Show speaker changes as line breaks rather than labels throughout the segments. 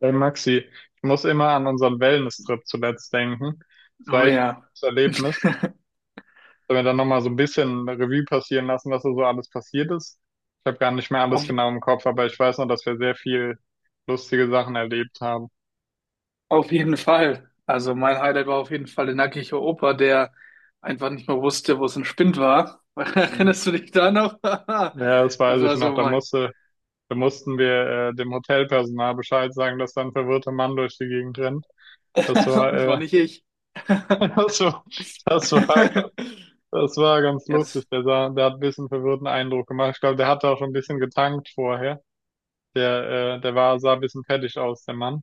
Hey Maxi, ich muss immer an unseren Wellness-Trip zuletzt denken. Das war
Oh
echt ein
ja,
gutes Erlebnis. Sollen wir dann nochmal so ein bisschen Revue passieren lassen, was da so alles passiert ist? Ich habe gar nicht mehr alles
auf,
genau im Kopf, aber ich weiß noch, dass wir sehr viel lustige Sachen erlebt haben.
auf jeden Fall. Also mein Highlight war auf jeden Fall der nackige Opa, der einfach nicht mehr wusste, wo es ein Spind war.
Mhm.
Erinnerst du dich da noch?
Ja, das weiß
Das
ich
war
noch.
so
Da
mein.
musste, da mussten wir dem Hotelpersonal Bescheid sagen, dass da ein verwirrter Mann durch die Gegend rennt. Das war,
Und war nicht ich.
das war, das war Das war ganz
Ja, das
lustig. Der sah, der hat ein bisschen verwirrten Eindruck gemacht. Ich glaube, der hatte auch schon ein bisschen getankt vorher. Der sah ein bisschen fertig aus, der Mann.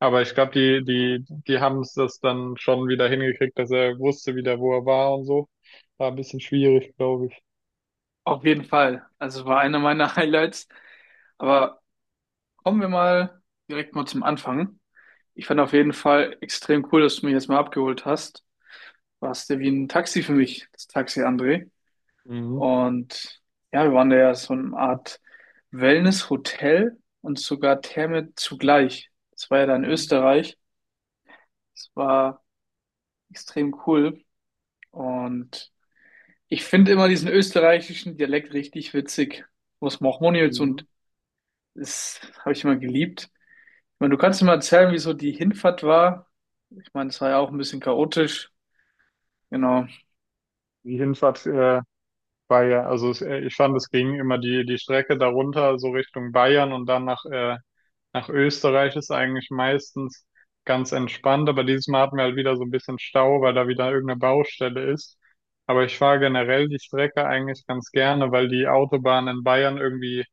Aber ich glaube, die haben es das dann schon wieder hingekriegt, dass er wusste wieder, wo er war und so. War ein bisschen schwierig, glaube ich.
auf jeden Fall. Also war einer meiner Highlights. Aber kommen wir mal direkt mal zum Anfang. Ich fand auf jeden Fall extrem cool, dass du mich jetzt mal abgeholt hast. Warst du wie ein Taxi für mich, das Taxi, André.
Mhm.
Und ja, wir waren da ja so eine Art Wellness-Hotel und sogar Therme zugleich. Das war ja da in
Mhm.
Österreich. Das war extrem cool. Und ich finde immer diesen österreichischen Dialekt richtig witzig. Was macht man jetzt?
Mhm.
Und das habe ich immer geliebt. Ich meine, du kannst mir mal erzählen, wie so die Hinfahrt war. Ich meine, es war ja auch ein bisschen chaotisch. Genau.
Die Hinfahrt, war ja, also es, ich fand, es ging immer die Strecke darunter, so Richtung Bayern und dann nach Österreich ist eigentlich meistens ganz entspannt, aber dieses Mal hatten wir halt wieder so ein bisschen Stau, weil da wieder irgendeine Baustelle ist. Aber ich fahre generell die Strecke eigentlich ganz gerne, weil die Autobahnen in Bayern irgendwie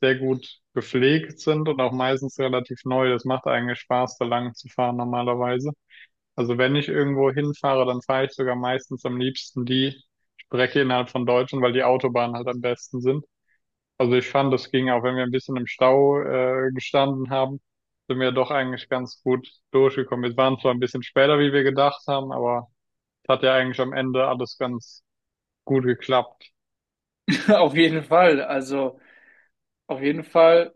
sehr gut gepflegt sind und auch meistens relativ neu. Das macht eigentlich Spaß, da lang zu fahren normalerweise. Also wenn ich irgendwo hinfahre, dann fahre ich sogar meistens am liebsten die Strecke innerhalb von Deutschland, weil die Autobahnen halt am besten sind. Also ich fand, das ging auch, wenn wir ein bisschen im Stau gestanden haben, sind wir doch eigentlich ganz gut durchgekommen. Wir waren zwar ein bisschen später, wie wir gedacht haben, aber es hat ja eigentlich am Ende alles ganz gut geklappt.
Auf jeden Fall. Also, auf jeden Fall,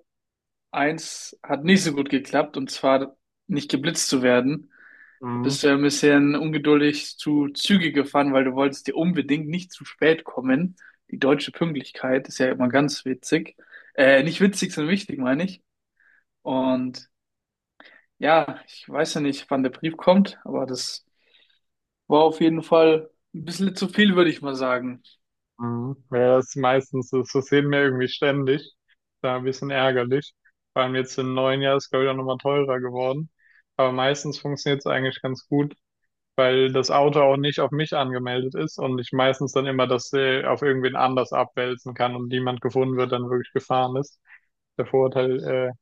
eins hat nicht so gut geklappt, und zwar nicht geblitzt zu werden. Da bist
Mhm.
du ja ein bisschen ungeduldig zu Züge gefahren, weil du wolltest dir unbedingt nicht zu spät kommen. Die deutsche Pünktlichkeit ist ja immer ganz witzig. Nicht witzig, sondern wichtig, meine ich. Und ja, ich weiß ja nicht, wann der Brief kommt, aber das war auf jeden Fall ein bisschen zu viel, würde ich mal sagen.
Mhm. Ja, das ist meistens, das sehen wir irgendwie ständig. Da ein bisschen ärgerlich. Vor allem jetzt im neuen Jahr ist, glaube ich, auch nochmal teurer geworden. Aber meistens funktioniert es eigentlich ganz gut, weil das Auto auch nicht auf mich angemeldet ist und ich meistens dann immer das auf irgendwen anders abwälzen kann und niemand gefunden wird, dann wirklich gefahren ist. Der Vorteil,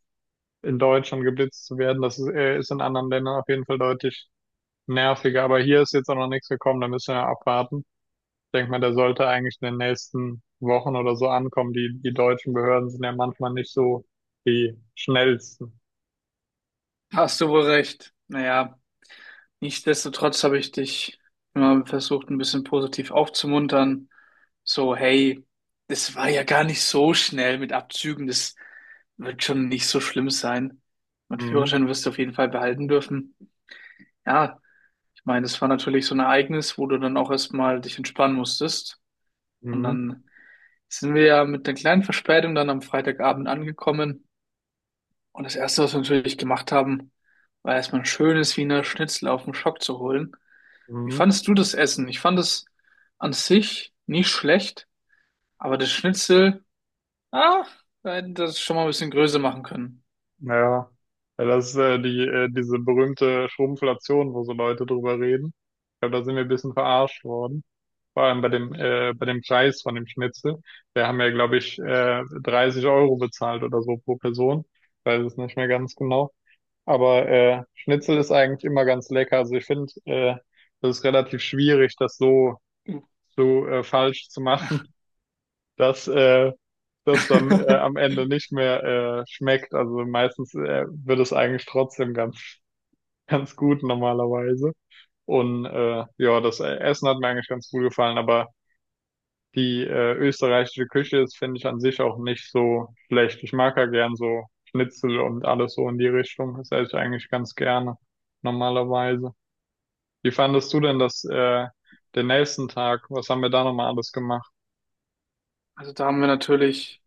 in Deutschland geblitzt zu werden, das ist in anderen Ländern auf jeden Fall deutlich nerviger. Aber hier ist jetzt auch noch nichts gekommen, da müssen wir abwarten. Ich denke mal, der sollte eigentlich in den nächsten Wochen oder so ankommen. Die deutschen Behörden sind ja manchmal nicht so die schnellsten.
Hast du wohl recht. Naja. Nichtsdestotrotz habe ich dich immer versucht, ein bisschen positiv aufzumuntern. So, hey, das war ja gar nicht so schnell mit Abzügen. Das wird schon nicht so schlimm sein. Mein
Mhm.
Führerschein wirst du auf jeden Fall behalten dürfen. Ja, ich meine, das war natürlich so ein Ereignis, wo du dann auch erstmal dich entspannen musstest. Und
Mhm.
dann sind wir ja mit einer kleinen Verspätung dann am Freitagabend angekommen. Und das Erste, was wir natürlich gemacht haben, war erstmal ein schönes Wiener Schnitzel auf dem Schock zu holen. Wie
Mhm.
fandest du das Essen? Ich fand es an sich nicht schlecht, aber das Schnitzel, ah, da hätten wir das schon mal ein bisschen größer machen können.
Ja, Ja, das ist diese berühmte Schrumpflation, wo so Leute drüber reden. Ich glaube, da sind wir ein bisschen verarscht worden. Vor allem bei dem bei dem Preis von dem Schnitzel. Wir haben ja, glaube ich, 30 Euro bezahlt oder so pro Person. Ich weiß es nicht mehr ganz genau. Aber Schnitzel ist eigentlich immer ganz lecker. Also ich finde, das ist relativ schwierig, das so, so falsch zu machen, dass das dann am Ende nicht mehr schmeckt. Also meistens wird es eigentlich trotzdem ganz, ganz gut normalerweise. Und ja, das Essen hat mir eigentlich ganz gut gefallen, aber die österreichische Küche ist, finde ich, an sich auch nicht so schlecht. Ich mag ja gern so Schnitzel und alles so in die Richtung. Das esse ich eigentlich ganz gerne normalerweise. Wie fandest du denn das, den nächsten Tag? Was haben wir da nochmal alles gemacht?
Also da haben wir natürlich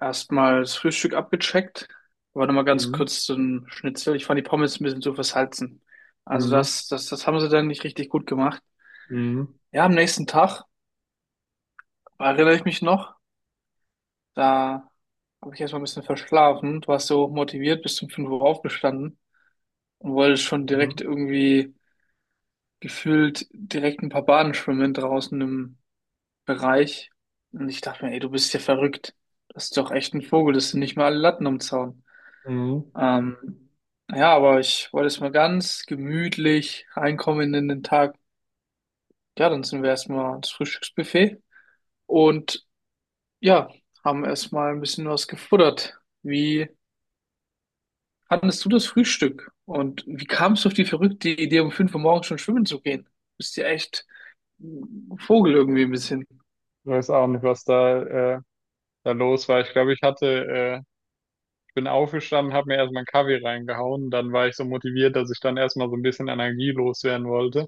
erstmal das Frühstück abgecheckt. Aber nochmal ganz
Mhm.
kurz zum Schnitzel. Ich fand die Pommes ein bisschen zu versalzen. Also
Mhm.
das haben sie dann nicht richtig gut gemacht.
Mhm.
Ja, am nächsten Tag, erinnere ich mich noch, da habe ich erstmal ein bisschen verschlafen. Du warst so motiviert, bis um 5 Uhr aufgestanden und wolltest schon
Mhm.
direkt irgendwie gefühlt direkt ein paar Bahnen schwimmen draußen im Bereich. Und ich dachte mir, ey, du bist ja verrückt. Das ist doch echt ein Vogel, das sind nicht mal alle Latten am Zaun.
Mhm.
Ähm, ja, aber ich wollte jetzt mal ganz gemütlich reinkommen in den Tag. Ja, dann sind wir erstmal ans Frühstücksbuffet und ja, haben erstmal ein bisschen was gefuttert. Wie fandest du das Frühstück? Und wie kamst du auf die verrückte Idee, um 5 Uhr morgens schon schwimmen zu gehen? Bist ja echt ein Vogel irgendwie ein bisschen.
Ich weiß auch nicht, was äh, da los war. Ich glaube, ich bin aufgestanden, habe mir erstmal einen Kaffee reingehauen. Dann war ich so motiviert, dass ich dann erstmal so ein bisschen Energie loswerden wollte.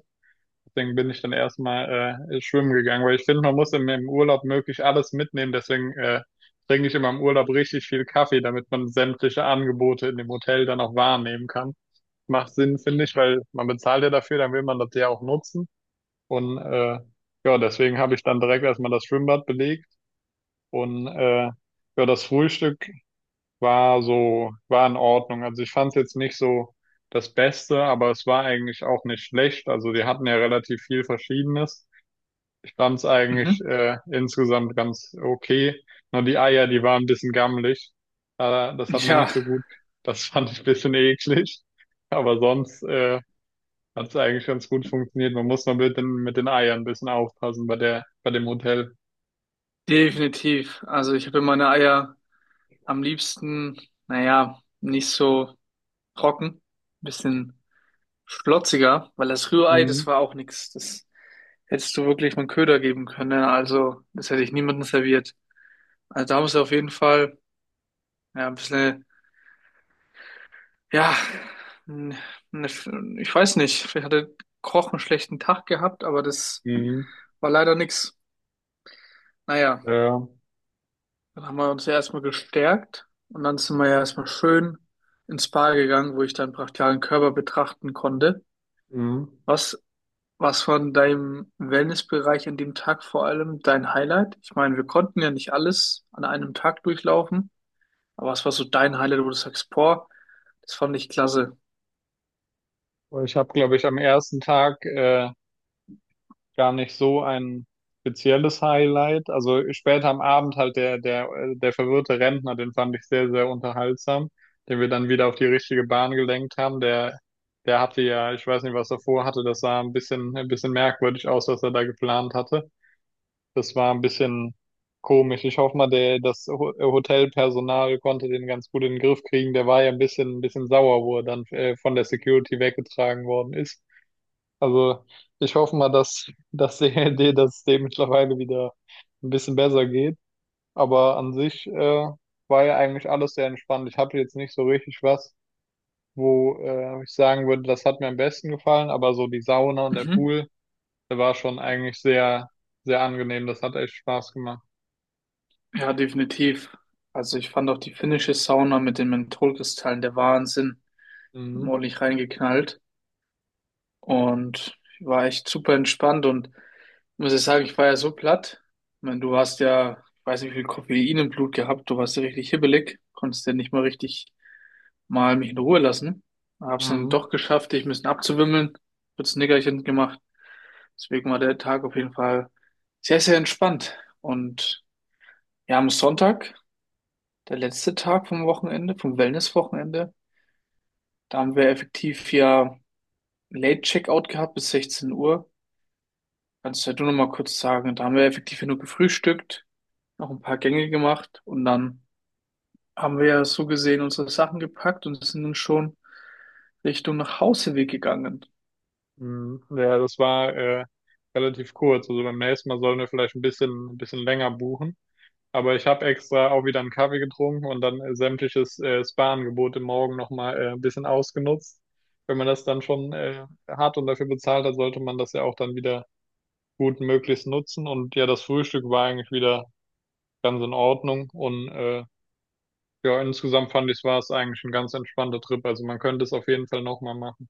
Deswegen bin ich dann erstmal schwimmen gegangen, weil ich finde, man muss im Urlaub möglich alles mitnehmen. Deswegen trinke ich immer im Urlaub richtig viel Kaffee, damit man sämtliche Angebote in dem Hotel dann auch wahrnehmen kann. Macht Sinn, finde ich, weil man bezahlt ja dafür, dann will man das ja auch nutzen. Und ja, deswegen habe ich dann direkt erstmal das Schwimmbad belegt. Und ja, das Frühstück war so, war in Ordnung. Also ich fand es jetzt nicht so das Beste, aber es war eigentlich auch nicht schlecht. Also die hatten ja relativ viel Verschiedenes. Ich fand es eigentlich
Mhm.
äh, insgesamt ganz okay. Nur die Eier, die waren ein bisschen gammelig. Das hat mir
Ja,
nicht so gut. Das fand ich ein bisschen eklig. Aber sonst hat es eigentlich ganz gut funktioniert. Man muss nur mit den Eiern ein bisschen aufpassen bei bei dem Hotel.
definitiv. Also ich habe meine Eier am liebsten, naja, nicht so trocken, bisschen schlotziger, weil das Rührei, das
Mhm.
war auch nichts. Das hättest du wirklich mit Köder geben können, ne? Also das hätte ich niemandem serviert. Also da musst du auf jeden Fall ja, ein bisschen, ja, n- ne, ich weiß nicht, vielleicht hat der Koch einen schlechten Tag gehabt, aber das
Mhm.
war leider nichts. Naja.
Ja.
Dann haben wir uns ja erstmal gestärkt und dann sind wir ja erstmal schön ins Spa gegangen, wo ich deinen brachialen Körper betrachten konnte.
Mhm.
Was, was von deinem Wellnessbereich an dem Tag vor allem dein Highlight? Ich meine, wir konnten ja nicht alles an einem Tag durchlaufen, aber was war so dein Highlight, wo du sagst, boah, das fand ich klasse.
Ich habe, glaube ich, am ersten Tag gar nicht so ein spezielles Highlight. Also später am Abend halt der verwirrte Rentner, den fand ich sehr, sehr unterhaltsam, den wir dann wieder auf die richtige Bahn gelenkt haben. Der hatte ja, ich weiß nicht, was er vorhatte, das sah ein bisschen merkwürdig aus, was er da geplant hatte. Das war ein bisschen komisch. Ich hoffe mal, das Hotelpersonal konnte den ganz gut in den Griff kriegen. Der war ja ein bisschen sauer, wo er dann von der Security weggetragen worden ist. Also ich hoffe mal, dass die Idee, dass es dem mittlerweile wieder ein bisschen besser geht. Aber an sich war ja eigentlich alles sehr entspannt. Ich hatte jetzt nicht so richtig was, wo ich sagen würde, das hat mir am besten gefallen. Aber so die Sauna und der
Mhm.
Pool, der war schon eigentlich sehr, sehr angenehm. Das hat echt Spaß gemacht.
Ja, definitiv. Also ich fand auch die finnische Sauna mit den Mentholkristallen der Wahnsinn.
Mhm.
Ordentlich reingeknallt, und war echt super entspannt und muss ich sagen, ich war ja so platt. Ich meine, du hast ja, ich weiß nicht, wie viel Koffein im Blut gehabt, du warst ja richtig hibbelig, konntest ja nicht mal richtig mal mich in Ruhe lassen. Hab's dann
Mhm.
doch geschafft, dich ein bisschen abzuwimmeln, kurz ein Nickerchen gemacht. Deswegen war der Tag auf jeden Fall sehr, sehr entspannt. Und ja, am Sonntag, der letzte Tag vom Wochenende, vom Wellness-Wochenende, da haben wir effektiv ja Late Checkout gehabt bis 16 Uhr. Kannst du ja du noch mal kurz sagen, da haben wir effektiv ja nur gefrühstückt, noch ein paar Gänge gemacht und dann haben wir ja so gesehen unsere Sachen gepackt und sind dann schon Richtung nach Hauseweg gegangen.
Mhm. Ja, das war relativ kurz. Also beim nächsten Mal sollen wir vielleicht ein bisschen länger buchen. Aber ich habe extra auch wieder einen Kaffee getrunken und dann sämtliches Spa-Angebot im Morgen nochmal ein bisschen ausgenutzt. Wenn man das dann schon hat und dafür bezahlt hat, sollte man das ja auch dann wieder gut möglichst nutzen. Und ja, das Frühstück war eigentlich wieder ganz in Ordnung. Und ja, insgesamt fand ich, war es eigentlich ein ganz entspannter Trip. Also man könnte es auf jeden Fall nochmal machen.